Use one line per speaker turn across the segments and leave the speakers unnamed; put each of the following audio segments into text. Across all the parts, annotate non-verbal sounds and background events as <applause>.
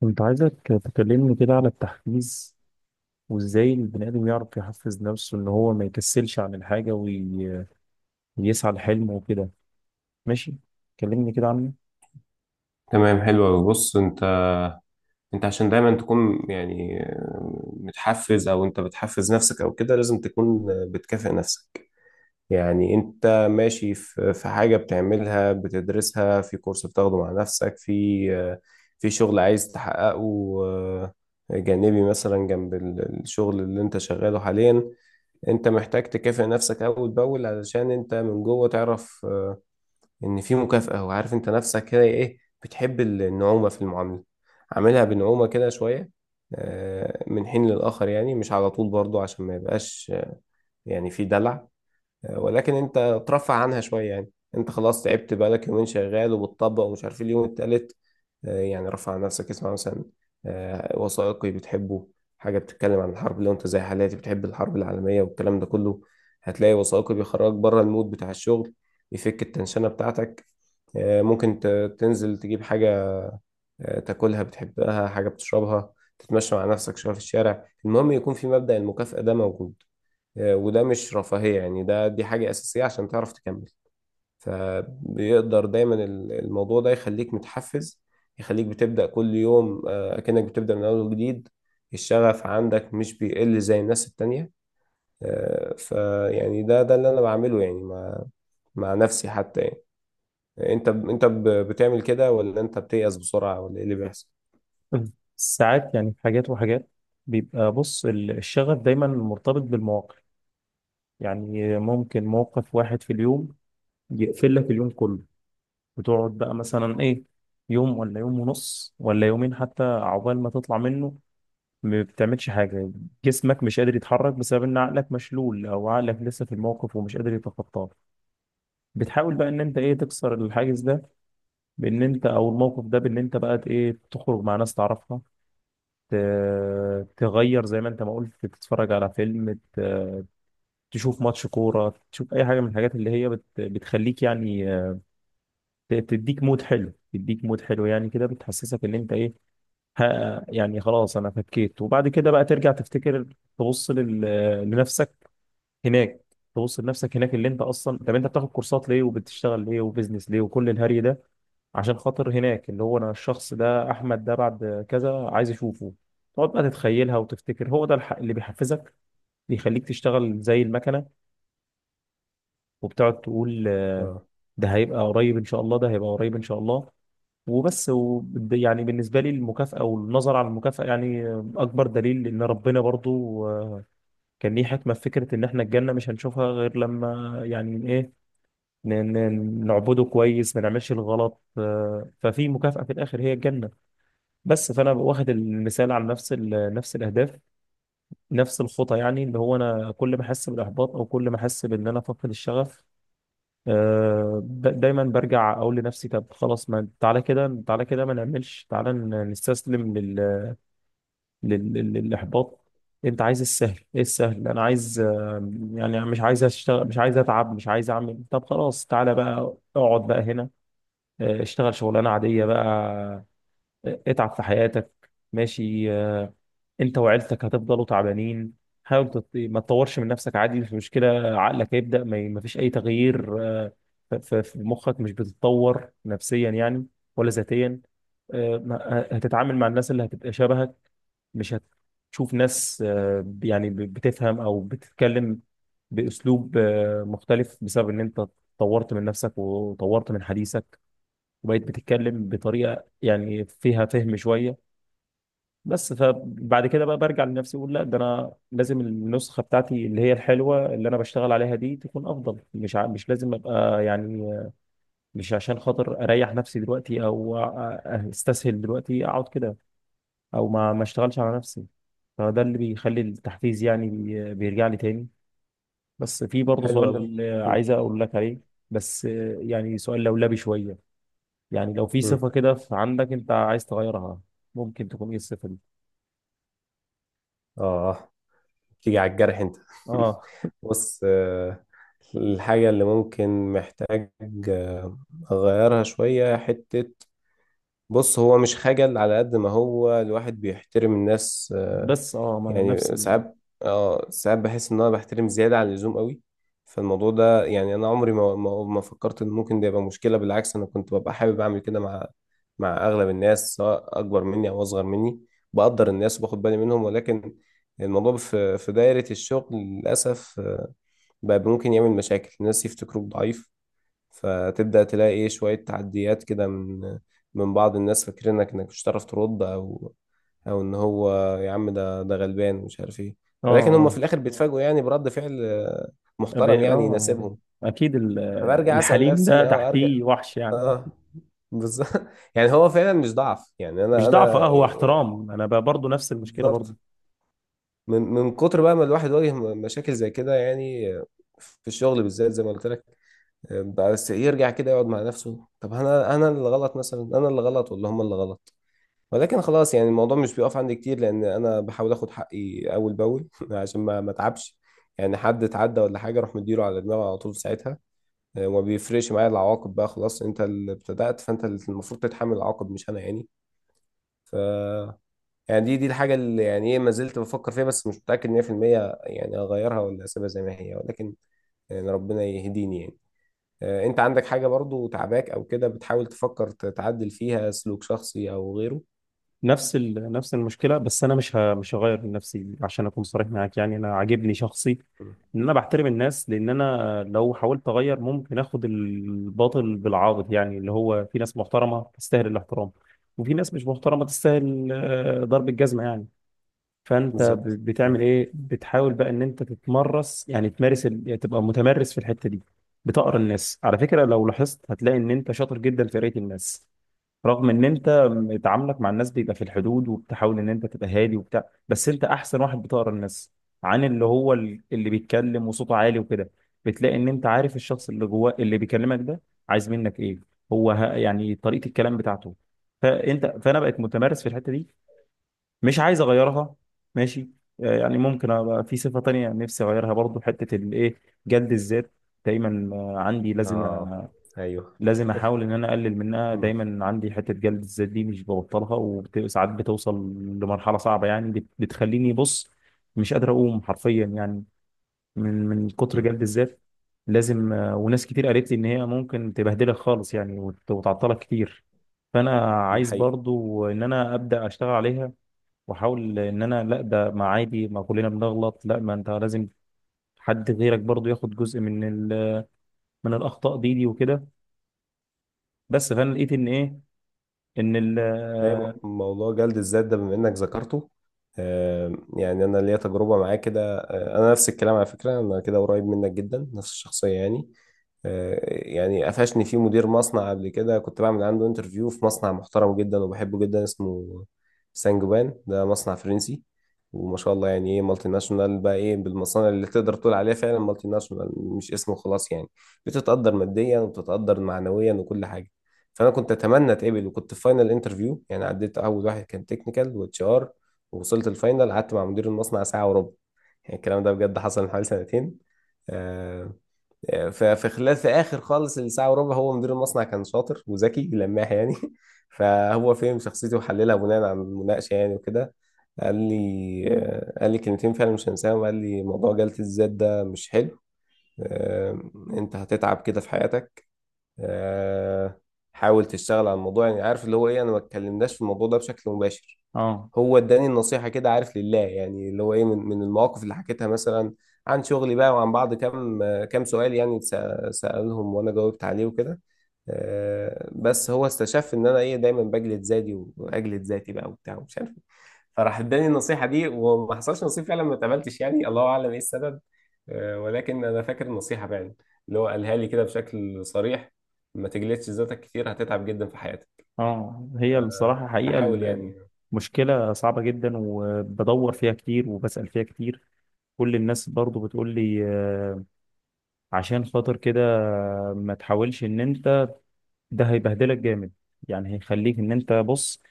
كنت عايزك تكلمني كده على التحفيز، وازاي البني آدم يعرف يحفز نفسه ان هو ما يكسلش عن الحاجة ويسعى لحلمه وكده. ماشي، كلمني كده عنه.
تمام، حلو أوي. بص، انت عشان دايما تكون متحفز او انت بتحفز نفسك او كده، لازم تكون بتكافئ نفسك. يعني انت ماشي في حاجة بتعملها، بتدرسها في كورس بتاخده مع نفسك، في شغل عايز تحققه، آه، جانبي مثلا جنب الشغل اللي انت شغاله حاليا. انت محتاج تكافئ نفسك اول باول، علشان انت من جوه تعرف ان في مكافأة، وعارف انت نفسك كده ايه. بتحب النعومة في المعاملة، عاملها بنعومة كده شوية، من حين للآخر، يعني مش على طول برضو عشان ما يبقاش يعني في دلع، ولكن انت ترفع عنها شويه يعني. انت خلاص تعبت، بقالك يومين شغال وبتطبق ومش عارف إيه اليوم التالت. يعني رفع عن نفسك، اسمع مثلا وثائقي بتحبه، حاجه بتتكلم عن الحرب لو انت زي حالاتي بتحب الحرب العالميه والكلام ده كله، هتلاقي وثائقي بيخرجك بره المود بتاع الشغل، يفك التنشنه بتاعتك. ممكن تنزل تجيب حاجه، تاكلها بتحبها، حاجه بتشربها، تتمشى مع نفسك شويه في الشارع. المهم يكون في مبدأ المكافأة ده موجود. وده مش رفاهية يعني، ده دي حاجة أساسية عشان تعرف تكمل. فبيقدر دايما الموضوع ده يخليك متحفز، يخليك بتبدأ كل يوم أكنك بتبدأ من أول وجديد، الشغف عندك مش بيقل زي الناس التانية. فيعني ده اللي أنا بعمله يعني مع مع نفسي حتى يعني. أنت بتعمل كده ولا أنت بتيأس بسرعة ولا إيه اللي بيحصل؟
مم. ساعات يعني حاجات وحاجات. بيبقى، بص، الشغف دايما مرتبط بالمواقف. يعني ممكن موقف واحد في اليوم يقفل لك اليوم كله، وتقعد بقى مثلا ايه، يوم ولا يوم ونص ولا يومين حتى عقبال ما تطلع منه. ما بتعملش حاجة، جسمك مش قادر يتحرك بسبب ان عقلك مشلول او عقلك لسه في الموقف ومش قادر يتخطاه. بتحاول بقى ان انت ايه، تكسر الحاجز ده، بان انت او الموقف ده، بان انت بقى ايه، تخرج مع ناس تعرفها، ت- تغير زي ما انت ما قلت، تتفرج على فيلم، تشوف ماتش كورة، تشوف اي حاجة من الحاجات اللي هي بتخليك يعني تديك مود حلو، تديك مود حلو، يعني كده بتحسسك ان انت ايه. ها يعني خلاص انا فكيت. وبعد كده بقى ترجع تفتكر، تبص لنفسك هناك، تبص لنفسك هناك اللي انت اصلا. طب انت بتاخد كورسات ليه وبتشتغل ليه وبزنس ليه وكل الهري ده؟ عشان خاطر هناك، اللي هو انا الشخص ده، احمد ده بعد كذا عايز اشوفه. تقعد بقى تتخيلها وتفتكر هو ده اللي بيحفزك، بيخليك تشتغل زي المكنه. وبتقعد تقول
أه.
ده هيبقى قريب ان شاء الله، ده هيبقى قريب ان شاء الله. وبس يعني بالنسبه لي، المكافاه والنظر على المكافاه يعني اكبر دليل ان ربنا برضو كان ليه حكمه في فكره ان احنا الجنه مش هنشوفها غير لما يعني ايه، نعبده كويس ما نعملش الغلط. ففي مكافأة في الآخر هي الجنة. بس فأنا واخد المثال على نفس نفس الأهداف، نفس الخطى، يعني اللي هو أنا كل ما أحس بالإحباط أو كل ما أحس بإن أنا فاقد الشغف، دايما برجع أقول لنفسي، طب خلاص ما تعالى كده، تعالى كده، ما نعملش، تعالى نستسلم للإحباط. أنت عايز السهل؟ إيه السهل؟ أنا عايز يعني مش عايز أشتغل، مش عايز أتعب، مش عايز أعمل. طب خلاص تعالى بقى اقعد بقى هنا. اشتغل شغلانه عاديه بقى. اتعب في حياتك، ماشي. انت وعيلتك هتفضلوا تعبانين. حاول ما تطورش من نفسك، عادي، مش مشكله. عقلك هيبدا، ما فيش اي تغيير. في مخك مش بتتطور نفسيا يعني، ولا ذاتيا. هتتعامل مع الناس اللي هتبقى شبهك، مش هتشوف ناس يعني بتفهم او بتتكلم باسلوب مختلف، بسبب ان انت طورت من نفسك وطورت من حديثك، وبقيت بتتكلم بطريقه يعني فيها فهم شويه. بس فبعد كده بقى برجع لنفسي اقول لا، ده انا لازم النسخه بتاعتي اللي هي الحلوه اللي انا بشتغل عليها دي تكون افضل. مش لازم ابقى، يعني مش عشان خاطر اريح نفسي دلوقتي او استسهل دلوقتي اقعد كده، او ما اشتغلش على نفسي. فده اللي بيخلي التحفيز يعني بيرجع لي تاني. بس في برضه
حلو
سؤال
أوي.
اللي
مم.
عايز اقول لك عليه. بس يعني سؤال لولبي شويه، يعني لو في
مم.
صفة كده في عندك انت عايز تغيرها، ممكن تكون ايه الصفة دي؟
آه آه. تيجي على الجرح انت. <laughs>
اه،
بص، الحاجة اللي ممكن محتاج آه، أغيرها شوية حتة. بص، هو مش خجل، على قد ما هو الواحد بيحترم الناس.
بس اه، ما نفس
يعني
ال...
ساعات، اه ساعات بحس ان انا بحترم زياده عن اللزوم قوي. فالموضوع ده يعني انا عمري ما فكرت ان ممكن ده يبقى مشكله، بالعكس انا كنت ببقى حابب اعمل كده مع مع اغلب الناس، سواء اكبر مني او اصغر مني. بقدر الناس وباخد بالي منهم، ولكن الموضوع في دايره الشغل للاسف بقى ممكن يعمل مشاكل. الناس يفتكروك ضعيف، فتبدأ تلاقي ايه شوية تعديات كده من من بعض الناس فاكرينك انك مش هتعرف ترد، او او ان هو يا عم ده ده غلبان مش عارف ايه.
اه،
ولكن هم
اه،
في الاخر بيتفاجئوا يعني برد فعل محترم يعني
اه،
يناسبهم.
اكيد
فبرجع اسأل
الحليم ده
نفسي، اه ارجع.
تحتيه وحش يعني.
اه بالظبط. <laughs> يعني هو فعلا مش ضعف، يعني انا
مش ضعف، اه،
انا
هو احترام. انا برضه نفس المشكلة برضه.
بالظبط. من من كتر بقى ما الواحد واجه مشاكل زي كده يعني، في الشغل بالذات زي ما قلت لك. بس يرجع كده يقعد مع نفسه، طب انا اللي غلط مثلا، انا اللي غلط ولا هم اللي غلط؟ ولكن خلاص يعني الموضوع مش بيقف عندي كتير، لان انا بحاول اخد حقي اول باول <laughs> عشان ما اتعبش يعني. حد اتعدى ولا حاجه، اروح مديله على دماغه على طول في ساعتها. وما بيفرقش معايا العواقب. بقى خلاص انت اللي ابتدأت فانت اللي المفروض تتحمل العواقب مش انا يعني. ف يعني دي الحاجه اللي يعني ايه ما زلت بفكر فيها، بس مش متأكد 100%، يعني اغيرها ولا اسيبها زي ما هي؟ ولكن يعني ربنا يهديني يعني. انت عندك حاجة برضو تعباك او كده بتحاول تفكر تعدل فيها، سلوك شخصي او غيره؟
نفس المشكله. بس انا مش هغير من نفسي عشان اكون صريح معاك، يعني انا عاجبني شخصي
مم.
ان انا بحترم الناس. لان انا لو حاولت اغير ممكن اخد الباطل بالعاضد، يعني اللي هو في ناس محترمه تستاهل الاحترام، وفي ناس مش محترمه تستاهل ضرب الجزمه يعني. فانت
بالظبط. مم.
بتعمل ايه؟ بتحاول بقى ان انت تتمرس، يعني تمارس يعني تبقى متمرس في الحته دي. بتقرا الناس على فكره، لو لاحظت هتلاقي ان انت شاطر جدا في قرايه الناس، رغم ان انت تعاملك مع الناس بيبقى في الحدود، وبتحاول ان انت تبقى هادي وبتاع، بس انت احسن واحد بتقرا الناس، عن اللي هو اللي بيتكلم وصوته عالي وكده. بتلاقي ان انت عارف الشخص اللي جواه اللي بيكلمك ده عايز منك ايه، هو يعني طريقة الكلام بتاعته. فانا بقيت متمرس في الحتة دي، مش عايز اغيرها، ماشي. يعني ممكن ابقى في صفة تانية نفسي اغيرها برضو، حتة الايه، جلد الذات. دايما عندي لازم
اه. ايوه.
لازم احاول ان انا اقلل منها.
مم.
دايما عندي حته جلد الذات دي مش ببطلها. وساعات بتوصل لمرحله صعبه، يعني بتخليني، بص، مش قادر اقوم حرفيا يعني، من كتر
مم.
جلد الذات. لازم وناس كتير قالت لي ان هي ممكن تبهدلك خالص يعني، وتعطلك كتير. فانا
ده
عايز
حقيقي.
برضو ان انا ابدا اشتغل عليها، واحاول ان انا، لا ده ما عادي، ما كلنا بنغلط، لا ما انت لازم حد غيرك برضو ياخد جزء من ال- من الاخطاء دي وكده. بس فانا لقيت ان ايه، ان ال
أي موضوع جلد الذات ده بما إنك ذكرته، يعني أنا ليا تجربة معاه كده. أنا نفس الكلام على فكرة، أنا كده قريب منك جدا، نفس الشخصية يعني. يعني قفشني فيه مدير مصنع قبل كده، كنت بعمل عنده انترفيو في مصنع محترم جدا وبحبه جدا، اسمه سانجوان، ده مصنع فرنسي وما شاء الله، يعني ايه مالتي ناشونال بقى، ايه بالمصانع اللي تقدر تقول عليها فعلا مالتي ناشونال مش اسمه خلاص يعني. بتتقدر ماديا وبتتقدر معنويا وكل حاجة. فانا كنت اتمنى اتقبل، وكنت في فاينل انترفيو يعني، عديت اول واحد كان تكنيكال واتش ار، ووصلت الفاينل، قعدت مع مدير المصنع ساعه وربع. يعني الكلام ده بجد حصل من حوالي سنتين. آه، ففي خلال، في اخر خالص الساعه وربع، هو مدير المصنع كان شاطر وذكي لماح يعني. <laughs> فهو فهم شخصيتي وحللها بناء على المناقشه يعني وكده، قال لي قال لي كلمتين فعلا مش هنساهم. قال لي موضوع جلد الذات ده مش حلو، آه، انت هتتعب كده في حياتك، آه، حاول تشتغل على الموضوع. يعني عارف اللي هو ايه، انا ما اتكلمناش في الموضوع ده بشكل مباشر،
اه،
هو اداني النصيحة كده عارف لله يعني. اللي هو ايه، من من المواقف اللي حكيتها مثلا عن شغلي بقى، وعن بعض كام كام سؤال يعني سألهم وانا جاوبت عليه وكده. بس هو استشف ان انا ايه دايما بجلد ذاتي، واجلد ذاتي بقى وبتاع ومش عارف إيه. فراح اداني النصيحة دي، وما حصلش نصيب فعلا، ما اتقبلتش يعني، الله اعلم ايه السبب. ولكن انا فاكر النصيحة فعلا، اللي هو قالها لي كده بشكل صريح، ما تجلدش ذاتك كتير هتتعب جدا في حياتك.
اه، هي الصراحه، حقيقه
فحاول يعني.
المشكله صعبه جدا، وبدور فيها كتير وبسأل فيها كتير. كل الناس برضو بتقول لي عشان خاطر كده ما تحاولش ان انت، ده هيبهدلك جامد، يعني هيخليك ان انت، بص،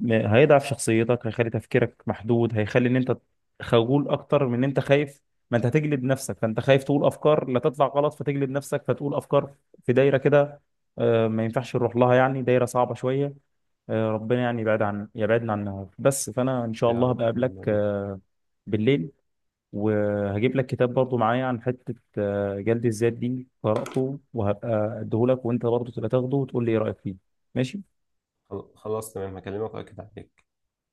هيضعف شخصيتك، هيخلي تفكيرك محدود، هيخلي ان انت خجول اكتر من ان انت خايف. ما انت هتجلد نفسك، فانت خايف تقول افكار لا تطلع غلط، فتجلد نفسك فتقول افكار في دايره كده ما ينفعش نروح لها يعني، دايره صعبه شويه. ربنا يعني يبعدنا عنها. بس فانا ان شاء
يا
الله
رب، اللهم
بقابلك
امين.
بالليل، وهجيب لك كتاب برضو معايا عن حته جلد الذات دي، قراته وهبقى اديهولك، وانت برضو تبقى تاخده وتقول لي ايه رايك فيه. ماشي.
خلاص تمام، هكلمك واكد عليك.